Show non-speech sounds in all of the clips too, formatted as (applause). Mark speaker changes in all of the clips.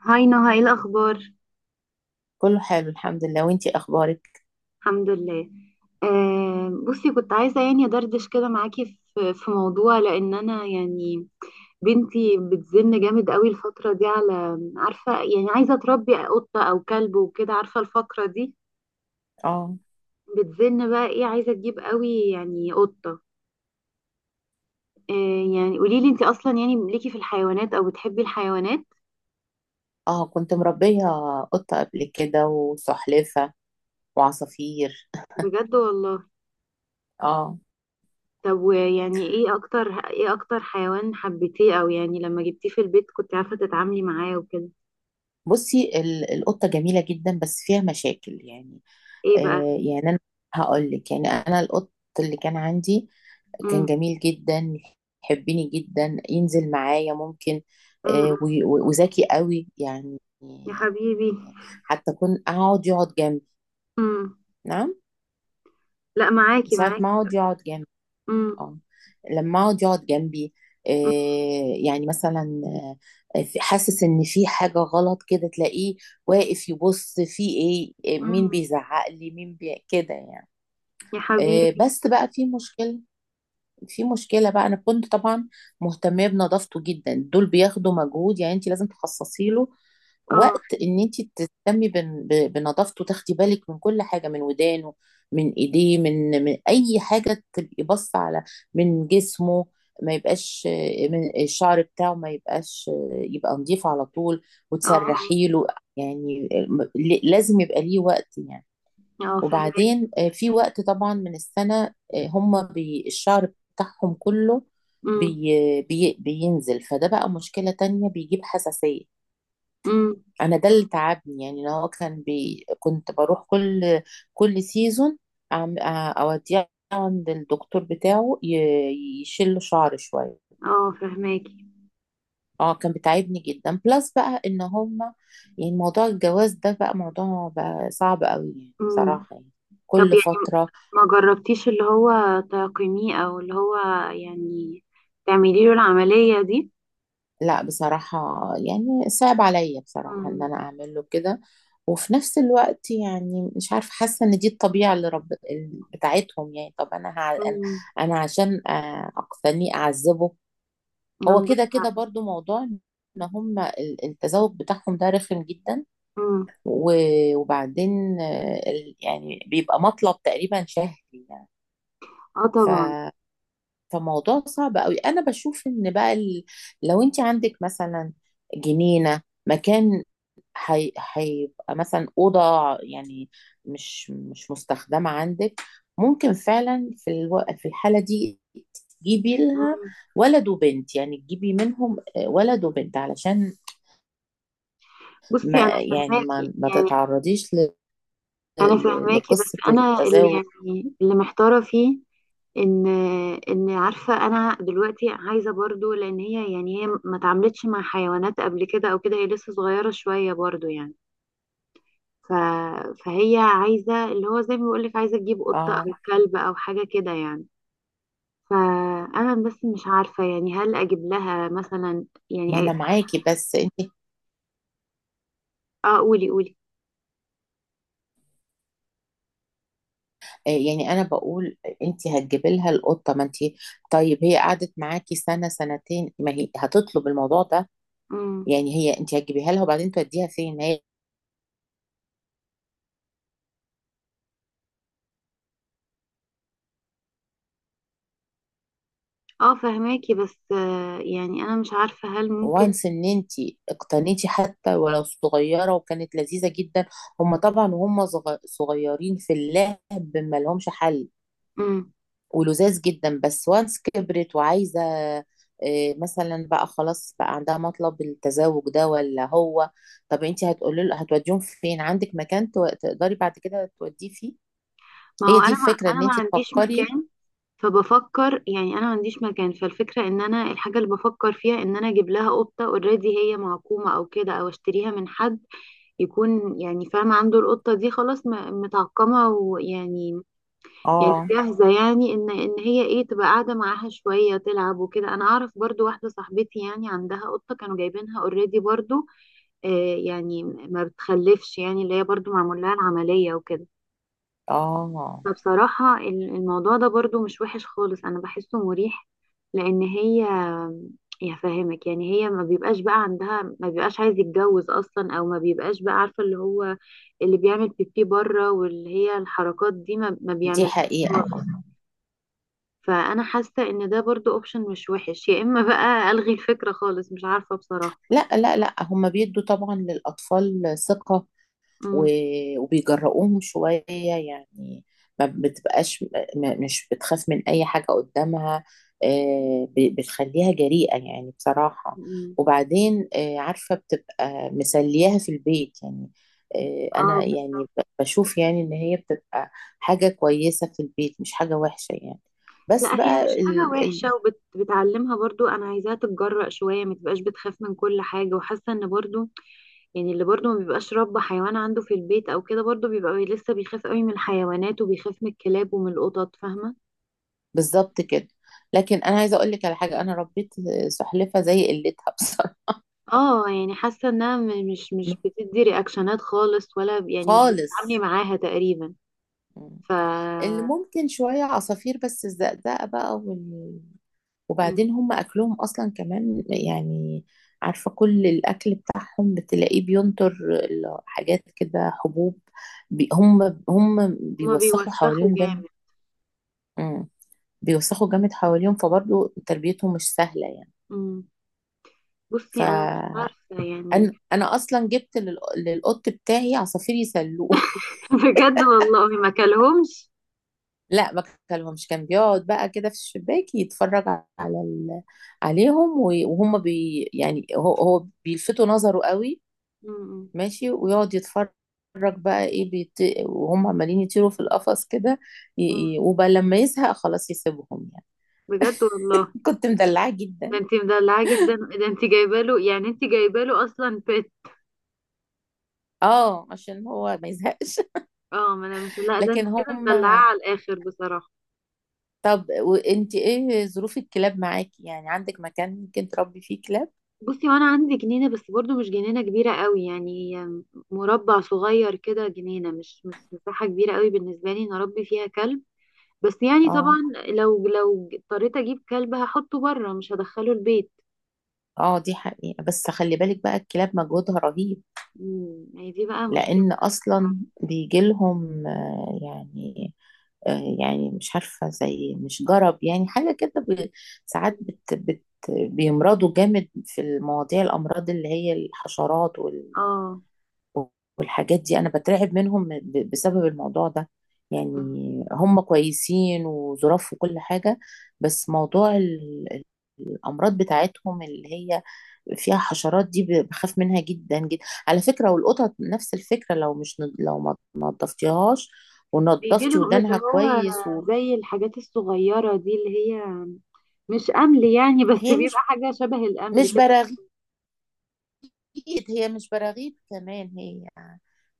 Speaker 1: هاي نهى، ايه الاخبار؟
Speaker 2: كله حلو الحمد لله وانتي اخبارك.
Speaker 1: الحمد لله. بصي، كنت عايزه يعني ادردش كده معاكي في موضوع، لان انا يعني بنتي بتزن جامد قوي الفتره دي، على عارفه يعني عايزه تربي قطه او كلب وكده، عارفه الفقره دي.
Speaker 2: اه
Speaker 1: بتزن بقى، ايه؟ عايزه تجيب قوي يعني قطه. آه. يعني قولي لي، انت اصلا يعني ليكي في الحيوانات او بتحبي الحيوانات؟
Speaker 2: اه. كنت مربية قطة قبل كده، وسلحفة، وعصافير.
Speaker 1: بجد والله؟
Speaker 2: اه،
Speaker 1: طب، ويعني ايه اكتر حيوان حبيتيه؟ او يعني لما جبتيه في البيت كنت عارفه تتعاملي معاه وكده؟
Speaker 2: بصي، القطة جميلة جدا بس فيها مشاكل. يعني
Speaker 1: ايه بقى؟
Speaker 2: آه، يعني انا هقول لك، يعني انا القط اللي كان عندي كان
Speaker 1: امم.
Speaker 2: جميل جدا، يحبني جدا، ينزل معايا، ممكن
Speaker 1: امم.
Speaker 2: آه وذكي قوي يعني.
Speaker 1: يا حبيبي.
Speaker 2: حتى كنت اقعد يقعد جنبي.
Speaker 1: امم.
Speaker 2: نعم.
Speaker 1: لا، معاكي
Speaker 2: ساعة ما
Speaker 1: معاكي.
Speaker 2: اقعد يقعد جنبي،
Speaker 1: امم.
Speaker 2: اه، لما اقعد يقعد جنبي إيه، يعني مثلا آه، حاسس ان في حاجه غلط كده، تلاقيه واقف يبص في ايه، إيه،
Speaker 1: امم.
Speaker 2: مين بيزعق لي، مين بي... كده يعني.
Speaker 1: يا
Speaker 2: إيه،
Speaker 1: حبيبي.
Speaker 2: بس بقى في مشكله. في مشكلة بقى، أنا كنت طبعا مهتمة بنظافته جدا. دول بياخدوا مجهود، يعني أنت لازم تخصصي له
Speaker 1: اه.
Speaker 2: وقت، إن أنت تهتمي بنظافته، تاخدي بالك من كل حاجة، من ودانه، من إيديه، من أي حاجة، تبقي باصة على من جسمه، ما يبقاش آه، من الشعر بتاعه ما يبقاش آه، يبقى نضيف على طول،
Speaker 1: اه. اه.
Speaker 2: وتسرحي له. يعني آه، لازم يبقى ليه وقت يعني.
Speaker 1: اه فهماكي.
Speaker 2: وبعدين آه، في وقت طبعا من السنة، آه، هم بي الشعر بتاعهم كله
Speaker 1: امم.
Speaker 2: بي بي بينزل، فده بقى مشكلة تانية، بيجيب حساسية.
Speaker 1: امم.
Speaker 2: أنا ده اللي تعبني. يعني أنا هو كان بي، كنت بروح كل سيزون، آه، أوديه عند الدكتور بتاعه يشيل له شعر شوية.
Speaker 1: اه فهماكي.
Speaker 2: اه كان بتعبني جدا. بلس بقى ان هم، يعني موضوع الجواز ده بقى موضوع بقى صعب قوي يعني،
Speaker 1: امم.
Speaker 2: بصراحة يعني،
Speaker 1: طب
Speaker 2: كل
Speaker 1: يعني،
Speaker 2: فترة.
Speaker 1: ما جربتيش اللي هو تقيميه، او اللي هو يعني تعملي له العملية دي؟
Speaker 2: لا بصراحة، يعني صعب عليا بصراحة ان
Speaker 1: امم.
Speaker 2: انا اعمل له كده. وفي نفس الوقت يعني مش عارفة، حاسة ان دي الطبيعة اللي رب بتاعتهم يعني. طب انا هع... انا
Speaker 1: امم.
Speaker 2: أنا عشان آه، اقتنيه اعذبه؟ هو
Speaker 1: عندك
Speaker 2: كده كده
Speaker 1: حق.
Speaker 2: برضو موضوع ان هم التزاوج بتاعهم ده رخم جدا.
Speaker 1: امم.
Speaker 2: وبعدين آه، ال- يعني بيبقى مطلب تقريبا شهري
Speaker 1: اه طبعا.
Speaker 2: يعني. فموضوع صعب قوي. انا بشوف ان بقى ال... لو انت عندك مثلا جنينه، مكان، هي... هيبقى مثلا اوضه يعني مش مستخدمه عندك، ممكن فعلا في الو... في الحاله دي تجيبي لها
Speaker 1: امم.
Speaker 2: ولد وبنت، يعني تجيبي منهم ولد وبنت علشان
Speaker 1: بصي،
Speaker 2: ما،
Speaker 1: انا
Speaker 2: يعني
Speaker 1: فهماكي
Speaker 2: ما
Speaker 1: يعني.
Speaker 2: تتعرضيش ل...
Speaker 1: انا
Speaker 2: ل...
Speaker 1: فهماكي، بس
Speaker 2: لقصه
Speaker 1: انا اللي
Speaker 2: التزاوج.
Speaker 1: يعني اللي محتاره فيه ان ان عارفه، انا دلوقتي عايزه برضو، لان هي يعني هي ما اتعاملتش مع حيوانات قبل كده او كده، هي لسه صغيره شويه برضو يعني. ف... فهي عايزه اللي هو زي ما بقول لك، عايزه تجيب قطه او
Speaker 2: اه
Speaker 1: كلب او حاجه كده يعني. فانا بس مش عارفه يعني هل اجيب لها مثلا،
Speaker 2: ما
Speaker 1: يعني؟
Speaker 2: انا معاكي، بس
Speaker 1: اه قولي قولي.
Speaker 2: آه، يعني انا بقول انت هتجيبي لها القطه، ما انت، طيب هي قعدت معاكي سنه سنتين، ما هي هتطلب الموضوع ده
Speaker 1: امم.
Speaker 2: يعني. هي انت هتجيبيها لها وبعدين توديها فين هي؟
Speaker 1: اه فهماكي، بس يعني انا مش عارفه هل ممكن.
Speaker 2: وانس ان انت اقتنيتي حتى ولو صغيره وكانت لذيذه جدا. هم طبعا وهم صغيرين في اللعب ما لهمش حل،
Speaker 1: امم.
Speaker 2: ولذاذ جدا. بس وانس كبرت وعايزه آه، مثلا بقى، خلاص بقى عندها مطلب التزوج ده، ولا هو، طب انت هتقولي له، هتوديهم فين؟ عندك مكان تقدري بعد كده توديه فيه؟
Speaker 1: ما
Speaker 2: هي
Speaker 1: هو
Speaker 2: دي
Speaker 1: انا ما...
Speaker 2: الفكره، ان
Speaker 1: انا ما
Speaker 2: انت
Speaker 1: عنديش
Speaker 2: تفكري.
Speaker 1: مكان. فبفكر يعني، انا ما عنديش مكان، فالفكره ان انا، الحاجه اللي بفكر فيها ان انا اجيب لها قطه اوريدي، هي معقومه او كده، او اشتريها من حد يكون يعني فاهم، عنده القطه دي خلاص متعقمه ويعني، يعني
Speaker 2: اه.
Speaker 1: جاهزه، يعني ان هي ايه، تبقى قاعده معاها شويه تلعب وكده. انا اعرف برضو واحده صاحبتي يعني عندها قطه كانوا جايبينها اوريدي برضو، آه يعني ما بتخلفش يعني، اللي هي برضو معمول لها العمليه وكده.
Speaker 2: اه
Speaker 1: فبصراحة الموضوع ده برضو مش وحش خالص، أنا بحسه مريح، لأن هي، يا فاهمك يعني، هي ما بيبقاش بقى عندها، ما بيبقاش عايز يتجوز أصلا، أو ما بيبقاش بقى عارفة اللي هو اللي بيعمل بيبي بره، واللي هي الحركات دي ما
Speaker 2: دي
Speaker 1: بيعملهاش
Speaker 2: حقيقه
Speaker 1: خالص.
Speaker 2: اه.
Speaker 1: فأنا حاسة إن ده برضو أوبشن مش وحش، يا إما بقى ألغي الفكرة خالص، مش عارفة بصراحة.
Speaker 2: لا لا لا، هم بيدوا طبعا للاطفال ثقه،
Speaker 1: امم.
Speaker 2: وبيجرؤوهم شوية يعني. ما بتبقاش مش بتخاف من أي حاجة قدامها، آه، بتخليها جريئة يعني بصراحة.
Speaker 1: امم.
Speaker 2: وبعدين آه، عارفة بتبقى مسلياها في البيت يعني. آه،
Speaker 1: اه
Speaker 2: أنا يعني
Speaker 1: بالظبط.
Speaker 2: بشوف يعني إن هي بتبقى حاجة كويسة في البيت، مش حاجة وحشة يعني.
Speaker 1: لا،
Speaker 2: بس
Speaker 1: هي
Speaker 2: بقى
Speaker 1: مش حاجة
Speaker 2: ال... ال...
Speaker 1: وحشة، وبتعلمها برضو، أنا عايزاها تتجرأ شوية، ما تبقاش بتخاف من كل حاجة، وحاسة إن برضو يعني اللي برضو ما بيبقاش رب حيوان عنده في البيت أو كده، برضو بيبقى لسه بيخاف قوي من الحيوانات وبيخاف من الكلاب ومن القطط، فاهمة؟
Speaker 2: بالظبط كده. لكن أنا عايزة أقول لك على حاجة.
Speaker 1: مم.
Speaker 2: أنا ربيت سلحفة زي قلتها بصراحة.
Speaker 1: اه يعني حاسة إنها مش
Speaker 2: (laughs)
Speaker 1: بتدي رياكشنات خالص، ولا يعني مش بتتعاملي
Speaker 2: خالص.
Speaker 1: معاها تقريبا. ف
Speaker 2: اللي ممكن شوية عصافير، بس الزقزقة بقى وال...
Speaker 1: مم.
Speaker 2: وبعدين هم أكلهم أصلا كمان يعني. عارفة كل الأكل بتاعهم بتلاقيه بينطر، حاجات كده حبوب، بي... هم
Speaker 1: هما
Speaker 2: بيوسخوا
Speaker 1: بيوسخوا
Speaker 2: حواليهم جامد.
Speaker 1: جامد.
Speaker 2: مم. بيوسخوا جامد حواليهم، فبرضه تربيتهم مش سهلة يعني.
Speaker 1: مم. بصي، أنا مش
Speaker 2: فأنا
Speaker 1: عارفة يعني.
Speaker 2: أنا أصلا جبت لل... للقط بتاعي عصافير يسلوه.
Speaker 1: (laughs) بجد والله؟ ما كلهمش.
Speaker 2: لا ما كلمهمش. كان بيقعد بقى كده في الشباك يتفرج على ال... عليهم، وهم بي... يعني هو بيلفتوا نظره قوي.
Speaker 1: مم.
Speaker 2: ماشي ويقعد يتفرج، بقى ايه بيت... وهم عمالين يطيروا في القفص كده، ي...
Speaker 1: مم.
Speaker 2: وبقى لما يزهق خلاص يسيبهم يعني.
Speaker 1: بجد والله؟
Speaker 2: (laughs) كنت مدلعاه
Speaker 1: ده
Speaker 2: جدا.
Speaker 1: انت مدلعاه جدا، ده انت جايبه له، يعني انت جايبه له اصلا بيت.
Speaker 2: اه عشان هو ما يزهقش.
Speaker 1: اه ما انا مش،
Speaker 2: (laughs)
Speaker 1: لا ده انت
Speaker 2: لكن
Speaker 1: كده
Speaker 2: هم،
Speaker 1: مدلعاه على الاخر بصراحه.
Speaker 2: طب وانت ايه ظروف الكلاب معاكي؟ يعني عندك مكان ممكن تربي فيه كلاب؟
Speaker 1: بصي، وانا عندي جنينه، بس برضو مش جنينه كبيره قوي يعني، مربع صغير كده جنينه، مش مساحه كبيره قوي بالنسبه لي ان اربي فيها كلب. بس يعني
Speaker 2: اه.
Speaker 1: طبعا، لو اضطريت اجيب كلب هحطه بره، مش هدخله البيت.
Speaker 2: اه دي حقيقة، بس خلي بالك بقى الكلاب مجهودها رهيب.
Speaker 1: امم، هي دي بقى مشكله.
Speaker 2: لأن أصلا بيجي لهم آه، يعني آه، يعني مش عارفة، زي مش جرب يعني حاجة كده، ساعات بت بيمرضوا جامد في المواضيع، الأمراض اللي هي الحشرات
Speaker 1: اه،
Speaker 2: والحاجات دي، انا بترعب منهم بسبب الموضوع ده يعني. هم كويسين وظراف وكل حاجة، بس موضوع الامراض بتاعتهم اللي هي فيها حشرات دي، بخاف منها جدا جدا على فكرة. والقطط نفس الفكرة، لو مش لو ما نضفتيهاش
Speaker 1: بيجي
Speaker 2: ونضفتي
Speaker 1: لهم اللي
Speaker 2: ودانها
Speaker 1: هو
Speaker 2: كويس.
Speaker 1: زي الحاجات الصغيرة دي، اللي هي مش أمل يعني، بس
Speaker 2: وهي مش
Speaker 1: بيبقى حاجة شبه الأمل
Speaker 2: مش
Speaker 1: كده.
Speaker 2: براغيث، هي مش براغيث، كمان هي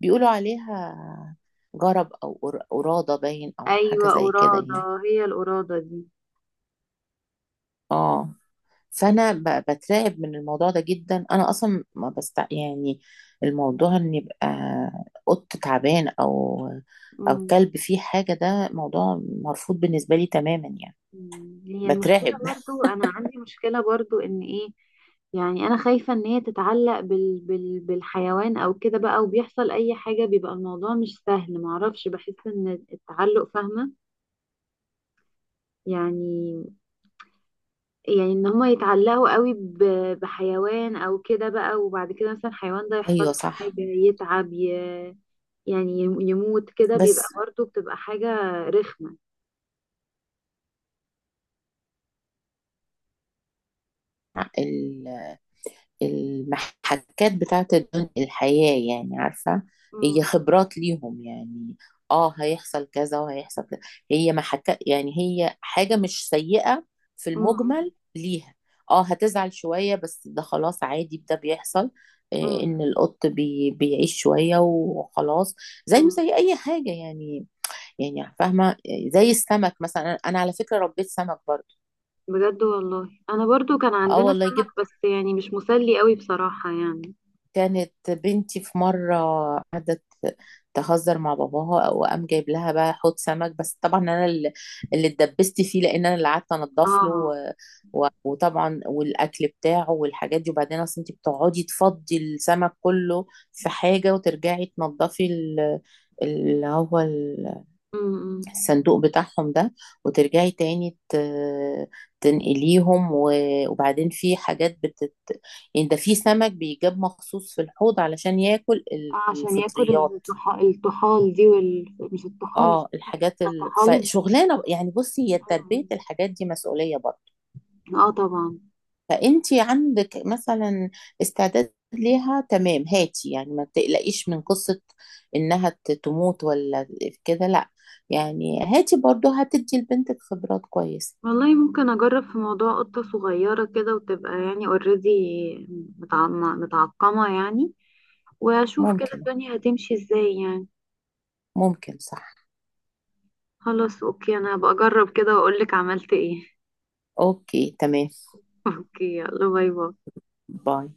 Speaker 2: بيقولوا عليها جرب او قرادة، باين او حاجة
Speaker 1: أيوة
Speaker 2: زي كده يعني.
Speaker 1: قرادة، هي القرادة دي.
Speaker 2: اه فانا بترعب من الموضوع ده جدا. انا اصلا ما بست يعني الموضوع ان يبقى قط تعبان، او او
Speaker 1: مم.
Speaker 2: كلب فيه حاجه، ده موضوع مرفوض بالنسبه لي تماما يعني.
Speaker 1: مم. هي المشكلة،
Speaker 2: بترعب. (laughs)
Speaker 1: برضو أنا عندي مشكلة برضو إن إيه، يعني أنا خايفة إن هي تتعلق بالحيوان أو كده بقى، وبيحصل أي حاجة بيبقى الموضوع مش سهل، معرفش، بحس إن التعلق، فاهمة؟ يعني، يعني ان هما يتعلقوا قوي بحيوان او كده بقى، وبعد كده مثلا الحيوان ده يحصل
Speaker 2: ايوه
Speaker 1: له حاجة،
Speaker 2: صح.
Speaker 1: يتعب، يعني يموت كده، بيبقى
Speaker 2: بس
Speaker 1: برضه بتبقى حاجة رخمة.
Speaker 2: المحكات بتاعت الدنيا، الحياة يعني، عارفة هي
Speaker 1: مم.
Speaker 2: خبرات ليهم يعني، اه هيحصل كذا وهيحصل كذا، هي محكات، يعني هي حاجة مش سيئة في
Speaker 1: مم.
Speaker 2: المجمل ليها. اه هتزعل شوية بس ده خلاص عادي، ده بيحصل
Speaker 1: مم.
Speaker 2: آه، ان القط بي بيعيش شوية وخلاص، زيه
Speaker 1: مم.
Speaker 2: زي اي حاجة يعني. يعني فاهمة آه، زي السمك مثلا. انا أنا على فكرة ربيت سمك برضه.
Speaker 1: بجد والله؟ انا برضو كان
Speaker 2: اه
Speaker 1: عندنا
Speaker 2: والله
Speaker 1: سمك،
Speaker 2: جبت،
Speaker 1: بس يعني مش مسلي قوي بصراحة يعني.
Speaker 2: كانت بنتي في مرة قعدت تهزر مع باباها، وقام جايب لها بقى حوض سمك. بس طبعا انا اللي اتدبست فيه، لان انا اللي قعدت انضف له
Speaker 1: اه.
Speaker 2: وطبعا والاكل بتاعه والحاجات دي. وبعدين اصل انت بتقعدي تفضي السمك كله في حاجة، وترجعي تنضفي ال- اللي هو ال-
Speaker 1: مم.
Speaker 2: الصندوق بتاعهم ده، وترجعي تاني تنقليهم، وبعدين في حاجات بتت يعني. ده في سمك بيجاب مخصوص في الحوض علشان ياكل
Speaker 1: اه عشان ياكل
Speaker 2: الفطريات.
Speaker 1: الطحال دي مش الطحال، اسمها
Speaker 2: اه
Speaker 1: إيه؟
Speaker 2: الحاجات ال...
Speaker 1: الطحالب.
Speaker 2: فشغلانه يعني. بصي هي تربيه
Speaker 1: مم.
Speaker 2: الحاجات دي مسؤوليه برضه.
Speaker 1: اه طبعا.
Speaker 2: فانت عندك مثلا استعداد ليها، تمام هاتي، يعني ما تقلقيش من قصه انها تموت، ولا كده، لا. يعني هاتي برضه هتدي لبنتك خبرات كويسه.
Speaker 1: والله ممكن اجرب في موضوع قطة صغيرة كده، وتبقى يعني اوريدي متعقمة يعني، واشوف كده
Speaker 2: ممكن.
Speaker 1: الدنيا هتمشي ازاي يعني.
Speaker 2: ممكن صح.
Speaker 1: خلاص اوكي، انا هبقى اجرب كده واقولك عملت ايه.
Speaker 2: اوكي تمام.
Speaker 1: (laughs) اوكي، يلا باي باي.
Speaker 2: باي.